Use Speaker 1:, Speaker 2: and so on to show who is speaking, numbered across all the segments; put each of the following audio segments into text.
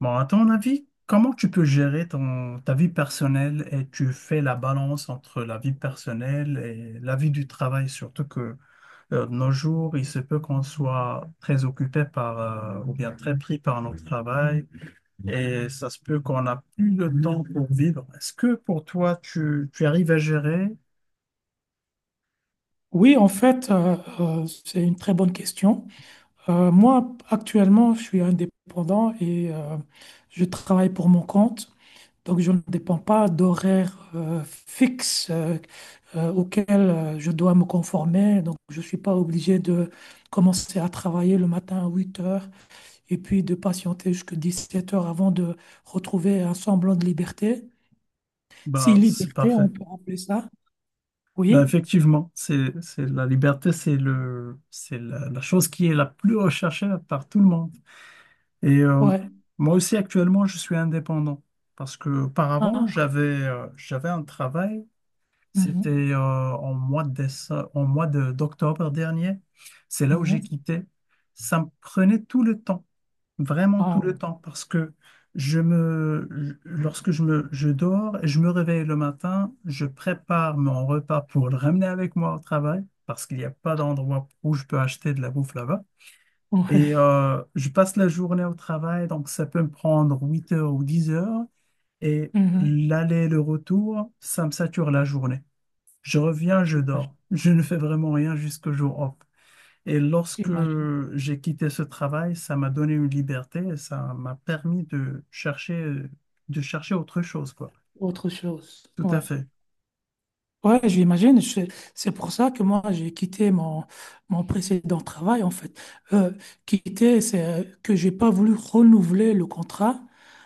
Speaker 1: Bon, à ton avis, comment tu peux gérer ta vie personnelle et tu fais la balance entre la vie personnelle et la vie du travail, surtout que de nos jours, il se peut qu'on soit très occupé par, ou bien très pris par notre travail et ça se peut qu'on n'a plus le temps pour vivre. Est-ce que pour toi, tu arrives à gérer?
Speaker 2: Oui, en fait, c'est une très bonne question. Moi, actuellement, je suis indépendant et je travaille pour mon compte. Donc, je ne dépends pas d'horaires fixes auxquels je dois me conformer. Donc, je ne suis pas obligé de commencer à travailler le matin à 8 heures et puis de patienter jusqu'à 17 heures avant de retrouver un semblant de liberté. Si
Speaker 1: Ben, c'est
Speaker 2: liberté,
Speaker 1: parfait.
Speaker 2: on peut appeler ça.
Speaker 1: Ben,
Speaker 2: Oui,
Speaker 1: effectivement, c'est la liberté, c'est la chose qui est la plus recherchée par tout le monde. Et
Speaker 2: ouais.
Speaker 1: moi aussi, actuellement, je suis indépendant parce que auparavant,
Speaker 2: Ah,
Speaker 1: j'avais un travail, c'était
Speaker 2: mhm,
Speaker 1: en mois de d'octobre dernier. C'est là où j'ai
Speaker 2: mhm.
Speaker 1: quitté. Ça me prenait tout le temps, vraiment tout
Speaker 2: Ah.
Speaker 1: le temps, parce que je me, je- lorsque je me, je dors et je me réveille le matin, je prépare mon repas pour le ramener avec moi au travail parce qu'il n'y a pas d'endroit où je peux acheter de la bouffe là-bas. Et
Speaker 2: Ouais.
Speaker 1: je passe la journée au travail, donc ça peut me prendre 8 heures ou 10 heures. Et
Speaker 2: Mhm.
Speaker 1: l'aller et le retour, ça me sature la journée. Je reviens, je
Speaker 2: J'imagine.
Speaker 1: dors. Je ne fais vraiment rien jusqu'au jour off. Et lorsque
Speaker 2: J'imagine.
Speaker 1: j'ai quitté ce travail, ça m'a donné une liberté et ça m'a permis de chercher autre chose, quoi.
Speaker 2: Autre chose.
Speaker 1: Tout à
Speaker 2: Ouais.
Speaker 1: fait.
Speaker 2: Ouais, j'imagine. C'est pour ça que moi, j'ai quitté mon précédent travail, en fait. Euh, quitter, c'est que j'ai pas voulu renouveler le contrat.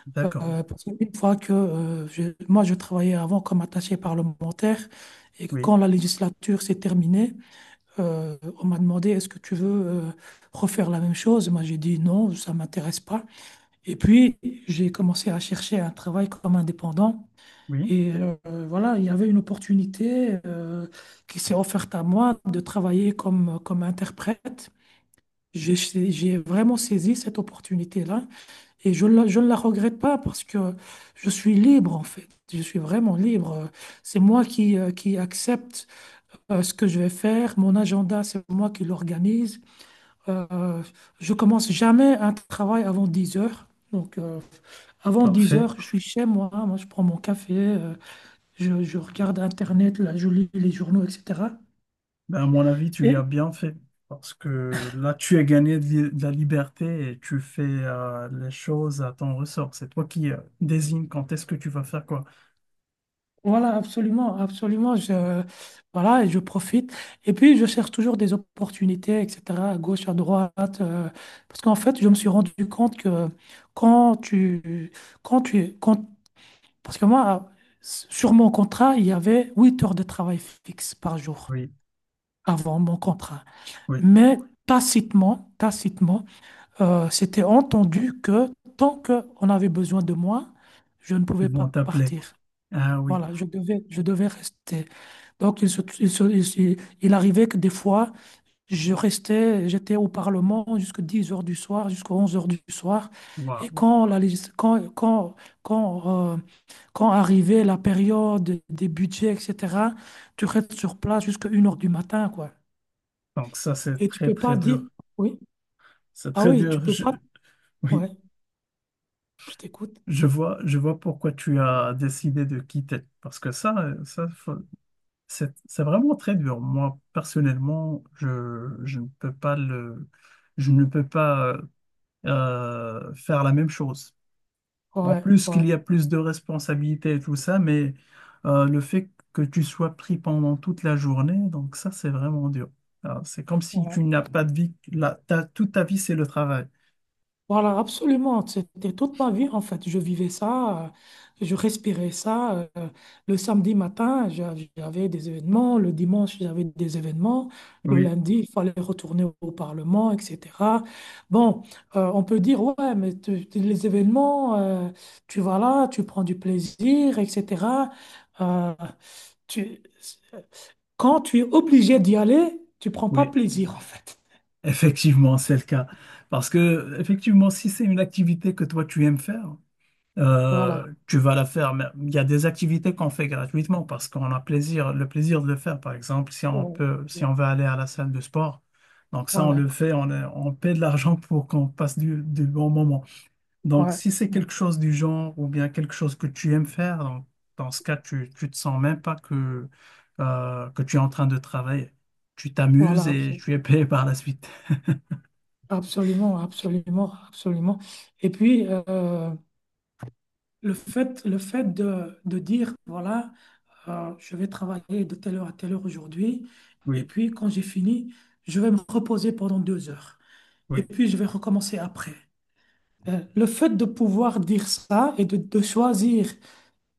Speaker 1: D'accord.
Speaker 2: Parce qu'une fois que moi, je travaillais avant comme attaché parlementaire et que
Speaker 1: Oui,
Speaker 2: quand la législature s'est terminée, on m'a demandé est-ce que tu veux refaire la même chose? Moi, j'ai dit non, ça m'intéresse pas. Et puis, j'ai commencé à chercher un travail comme indépendant.
Speaker 1: oui,
Speaker 2: Et voilà, il y avait une opportunité qui s'est offerte à moi de travailler comme interprète. J'ai vraiment saisi cette opportunité-là et je ne la regrette pas parce que je suis libre en fait. Je suis vraiment libre. C'est moi qui accepte ce que je vais faire. Mon agenda, c'est moi qui l'organise. Euh, je commence jamais un travail avant 10 heures. Donc, avant 10
Speaker 1: parfait.
Speaker 2: heures, je suis chez moi, moi je prends mon café, je regarde Internet, là, je lis les journaux, etc.
Speaker 1: Ben, à mon avis, tu
Speaker 2: Et
Speaker 1: lui as bien fait. Parce que là, tu as gagné de de la liberté et tu fais les choses à ton ressort. C'est toi qui désigne quand est-ce que tu vas faire quoi.
Speaker 2: voilà, absolument, absolument, voilà, et je profite. Et puis, je cherche toujours des opportunités, etc., à gauche, à droite, parce qu'en fait, je me suis rendu compte que quand tu, quand tu, quand, parce que moi, sur mon contrat, il y avait 8 heures de travail fixe par jour
Speaker 1: Oui,
Speaker 2: avant mon contrat.
Speaker 1: oui,
Speaker 2: Mais tacitement, tacitement, c'était entendu que tant qu'on avait besoin de moi, je ne
Speaker 1: ils
Speaker 2: pouvais pas
Speaker 1: vont t'appeler.
Speaker 2: partir.
Speaker 1: Ah oui,
Speaker 2: Voilà, je devais rester. Donc, il arrivait que des fois, je restais, j'étais au Parlement jusqu'à 10 heures du soir, jusqu'à 11 heures du soir. Et
Speaker 1: waouh.
Speaker 2: quand, la, légis- quand, quand, quand, quand arrivait la période des budgets, etc., tu restes sur place jusqu'à 1 heure du matin, quoi.
Speaker 1: Donc ça, c'est
Speaker 2: Et tu
Speaker 1: très,
Speaker 2: peux
Speaker 1: très
Speaker 2: pas dire,
Speaker 1: dur.
Speaker 2: oui,
Speaker 1: C'est
Speaker 2: ah
Speaker 1: très
Speaker 2: oui, tu
Speaker 1: dur.
Speaker 2: peux
Speaker 1: Je-
Speaker 2: pas,
Speaker 1: Oui,
Speaker 2: ouais, je t'écoute,
Speaker 1: je vois pourquoi tu as décidé de quitter. Parce que ça, ça, c'est vraiment très dur. Moi, personnellement, je ne peux pas le... Je ne peux pas. Faire la même chose. En
Speaker 2: ouais,
Speaker 1: plus
Speaker 2: ouais.
Speaker 1: qu'il y a plus de responsabilités et tout ça, mais le fait que tu sois pris pendant toute la journée, donc ça, c'est vraiment dur. Alors, c'est comme si
Speaker 2: Ouais.
Speaker 1: tu n'as pas de vie, là, toute ta vie, c'est le travail.
Speaker 2: Voilà, absolument. C'était toute ma vie, en fait. Je vivais ça, je respirais ça. Le samedi matin, j'avais des événements. Le dimanche, j'avais des événements. Le
Speaker 1: Oui,
Speaker 2: lundi, il fallait retourner au Parlement, etc. Bon, on peut dire, ouais, mais les événements, tu vas là, tu prends du plaisir, etc. Euh, tu, quand tu es obligé d'y aller, tu prends pas
Speaker 1: oui,
Speaker 2: plaisir, en fait.
Speaker 1: effectivement, c'est le cas. Parce que, effectivement, si c'est une activité que toi, tu aimes faire,
Speaker 2: Voilà.
Speaker 1: tu vas la faire. Mais il y a des activités qu'on fait gratuitement parce qu'on a plaisir, le plaisir de le faire. Par exemple,
Speaker 2: Ouais.
Speaker 1: si on veut aller à la salle de sport, donc ça, on
Speaker 2: Voilà.
Speaker 1: le fait, on paie de l'argent pour qu'on passe du bon moment. Donc,
Speaker 2: Ouais.
Speaker 1: si c'est quelque chose du genre ou bien quelque chose que tu aimes faire, donc, dans ce cas, tu te sens même pas que, que tu es en train de travailler. Tu t'amuses
Speaker 2: Voilà,
Speaker 1: et tu es payé par la suite.
Speaker 2: absolument, absolument, absolument. Et puis, le fait de dire, voilà, je vais travailler de telle heure à telle heure aujourd'hui, et
Speaker 1: Oui,
Speaker 2: puis quand j'ai fini, je vais me reposer pendant 2 heures, et
Speaker 1: oui,
Speaker 2: puis je vais recommencer après. Le fait de pouvoir dire ça et de choisir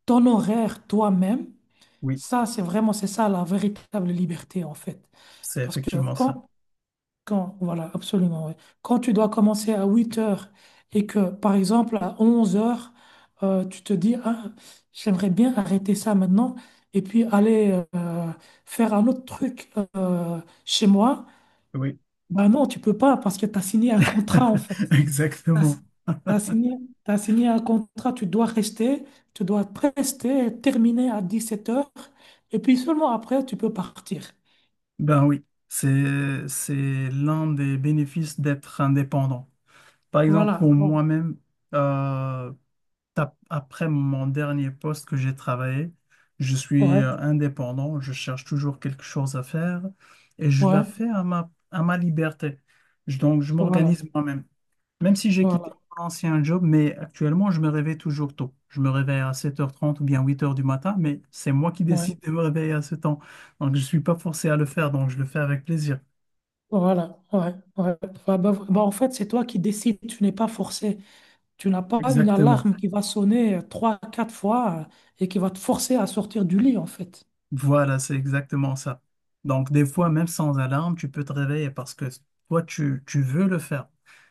Speaker 2: ton horaire toi-même,
Speaker 1: oui,
Speaker 2: ça, c'est ça la véritable liberté, en fait.
Speaker 1: c'est
Speaker 2: Parce que
Speaker 1: effectivement ça.
Speaker 2: quand Quand, voilà, absolument, ouais. Quand tu dois commencer à 8 heures et que, par exemple, à 11 heures, tu te dis, ah, j'aimerais bien arrêter ça maintenant et puis aller faire un autre truc chez moi,
Speaker 1: Oui,
Speaker 2: ben non, tu peux pas parce que tu as signé un contrat, en fait. T'as-
Speaker 1: exactement.
Speaker 2: t'as signé, t'as signé un contrat, tu dois rester, terminer à 17 heures et puis seulement après, tu peux partir.
Speaker 1: Ben oui, c'est l'un des bénéfices d'être indépendant. Par exemple,
Speaker 2: Voilà.
Speaker 1: pour
Speaker 2: Bon.
Speaker 1: moi-même, euh, après mon dernier poste que j'ai travaillé, je suis
Speaker 2: Ouais,
Speaker 1: indépendant, je cherche toujours quelque chose à faire et je la
Speaker 2: ouais,
Speaker 1: fais à à ma liberté. Donc, je
Speaker 2: voilà,
Speaker 1: m'organise moi-même. Même si j'ai quitté
Speaker 2: voilà.
Speaker 1: mon ancien job, mais actuellement, je me réveille toujours tôt. Je me réveille à 7 heures 30 ou bien 8 heures du matin, mais c'est moi qui
Speaker 2: Ouais.
Speaker 1: décide de me réveiller à ce temps. Donc, je ne suis pas forcé à le faire, donc je le fais avec plaisir.
Speaker 2: Voilà, ouais, ouais. Bah, bah, bah, en fait, c'est toi qui décides, tu n'es pas forcé. Tu n'as pas une
Speaker 1: Exactement.
Speaker 2: alarme qui va sonner trois, quatre fois et qui va te forcer à sortir du lit, en fait.
Speaker 1: Voilà, c'est exactement ça. Donc, des fois, même sans alarme, tu peux te réveiller parce que toi, tu veux le faire.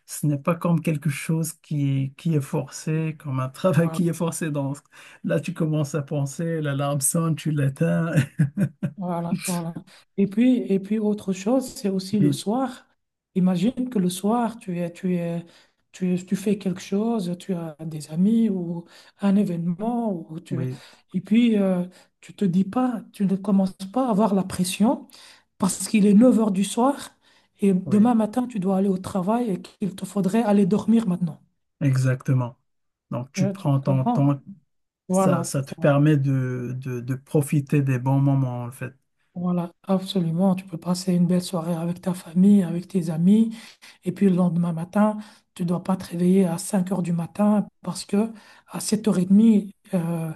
Speaker 1: Ce n'est pas comme quelque chose qui est forcé, comme un travail qui est
Speaker 2: Voilà.
Speaker 1: forcé. Donc, là, tu commences à penser, l'alarme sonne, tu l'éteins.
Speaker 2: Voilà, voilà. Et puis, autre chose, c'est aussi le
Speaker 1: Oui,
Speaker 2: soir. Imagine que le soir, tu fais quelque chose, tu as des amis ou un événement,
Speaker 1: oui,
Speaker 2: et puis tu te dis pas, tu ne commences pas à avoir la pression parce qu'il est 9 heures du soir et
Speaker 1: oui.
Speaker 2: demain matin, tu dois aller au travail et qu'il te faudrait aller dormir maintenant.
Speaker 1: Exactement. Donc,
Speaker 2: Et
Speaker 1: tu
Speaker 2: tu
Speaker 1: prends ton
Speaker 2: comprends?
Speaker 1: temps, ça,
Speaker 2: Voilà,
Speaker 1: ça te permet de profiter des bons moments, en fait.
Speaker 2: voilà, absolument. Tu peux passer une belle soirée avec ta famille, avec tes amis. Et puis le lendemain matin, tu dois pas te réveiller à 5 heures du matin parce que à sept heures 30 euh,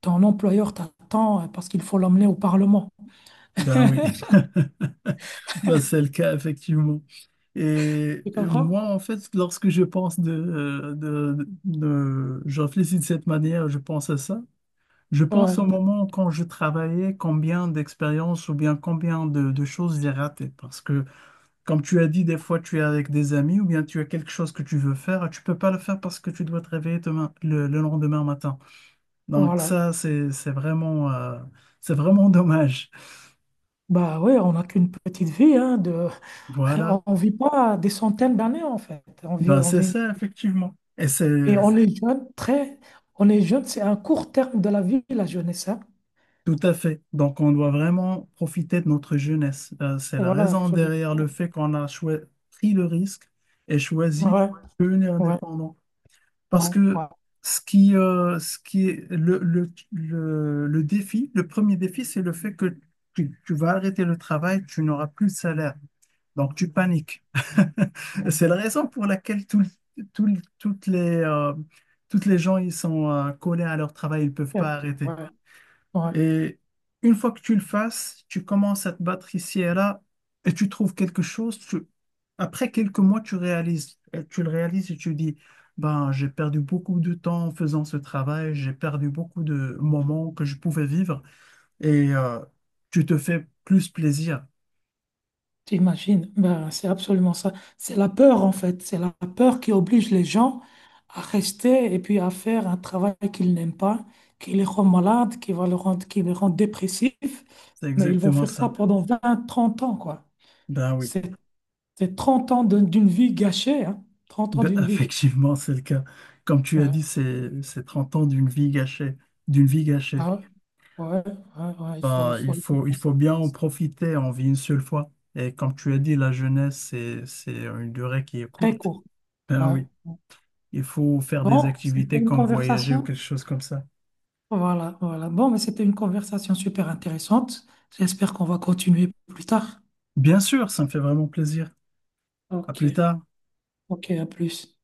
Speaker 2: ton employeur t'attend parce qu'il faut l'emmener au Parlement.
Speaker 1: Ben oui, ben c'est le cas, effectivement. Et
Speaker 2: Tu
Speaker 1: moi,
Speaker 2: comprends?
Speaker 1: en fait, lorsque je pense de, je réfléchis de cette manière, je pense à ça. Je pense au
Speaker 2: Ouais,
Speaker 1: moment quand je travaillais, combien d'expériences ou bien combien de choses j'ai ratées. Parce que, comme tu as dit, des fois, tu es avec des amis ou bien tu as quelque chose que tu veux faire, tu peux pas le faire parce que tu dois te réveiller demain, le lendemain matin. Donc
Speaker 2: voilà.
Speaker 1: ça, c'est vraiment dommage.
Speaker 2: Bah ouais, on n'a qu'une petite vie, hein.
Speaker 1: Voilà.
Speaker 2: On ne vit pas des centaines d'années en fait. On
Speaker 1: Ben,
Speaker 2: vit, on
Speaker 1: c'est
Speaker 2: vit...
Speaker 1: ça, effectivement. Et c'est
Speaker 2: Et on est jeune, très. On est jeune, c'est un court terme de la vie, la jeunesse, hein.
Speaker 1: tout à fait. Donc on doit vraiment profiter de notre jeunesse. C'est la
Speaker 2: Voilà,
Speaker 1: raison derrière
Speaker 2: absolument.
Speaker 1: le fait qu'on a pris le risque et choisi
Speaker 2: Ouais,
Speaker 1: de devenir
Speaker 2: ouais,
Speaker 1: indépendant. Parce
Speaker 2: ouais,
Speaker 1: que
Speaker 2: ouais,
Speaker 1: ce qui est le défi, le premier défi, c'est le fait que tu vas arrêter le travail, tu n'auras plus de salaire. Donc, tu paniques. C'est la raison pour laquelle toutes les gens, ils sont collés à leur travail, ils ne peuvent pas arrêter.
Speaker 2: ouais, ouais.
Speaker 1: Et une fois que tu le fasses, tu commences à te battre ici et là, et tu trouves quelque chose. Après quelques mois, tu le réalises et tu dis, ben, j'ai perdu beaucoup de temps en faisant ce travail, j'ai perdu beaucoup de moments que je pouvais vivre, et tu te fais plus plaisir.
Speaker 2: T'imagines? Ben, c'est absolument ça. C'est la peur, en fait. C'est la peur qui oblige les gens à rester et puis à faire un travail qu'ils n'aiment pas, qui les rend malades, qui va le rendre, qui les rend dépressifs.
Speaker 1: C'est
Speaker 2: Mais ils vont
Speaker 1: exactement
Speaker 2: faire ça
Speaker 1: ça.
Speaker 2: pendant 20 30 ans, quoi.
Speaker 1: Ben oui,
Speaker 2: C'est c'est 30 ans d'une vie gâchée, hein. 30 ans
Speaker 1: ben,
Speaker 2: d'une vie gâchée.
Speaker 1: effectivement, c'est le cas. Comme tu as dit,
Speaker 2: Ouais,
Speaker 1: c'est 30 ans d'une vie gâchée, d'une vie gâchée.
Speaker 2: ah, ouais, ouais, ouais, il faut, il
Speaker 1: Ben,
Speaker 2: faut, il faut
Speaker 1: il
Speaker 2: penser
Speaker 1: faut bien
Speaker 2: à
Speaker 1: en
Speaker 2: ça.
Speaker 1: profiter, on vit une seule fois. Et comme tu as dit, la jeunesse, c'est une durée qui est
Speaker 2: Très
Speaker 1: courte.
Speaker 2: court.
Speaker 1: Ben
Speaker 2: Ouais.
Speaker 1: oui, il faut faire des
Speaker 2: Bon, c'était
Speaker 1: activités
Speaker 2: une
Speaker 1: comme voyager ou
Speaker 2: conversation
Speaker 1: quelque chose comme ça.
Speaker 2: Voilà, voilà. Bon, mais c'était une conversation super intéressante. J'espère qu'on va continuer plus tard.
Speaker 1: Bien sûr, ça me fait vraiment plaisir. À plus
Speaker 2: Ok,
Speaker 1: tard.
Speaker 2: ok, à plus.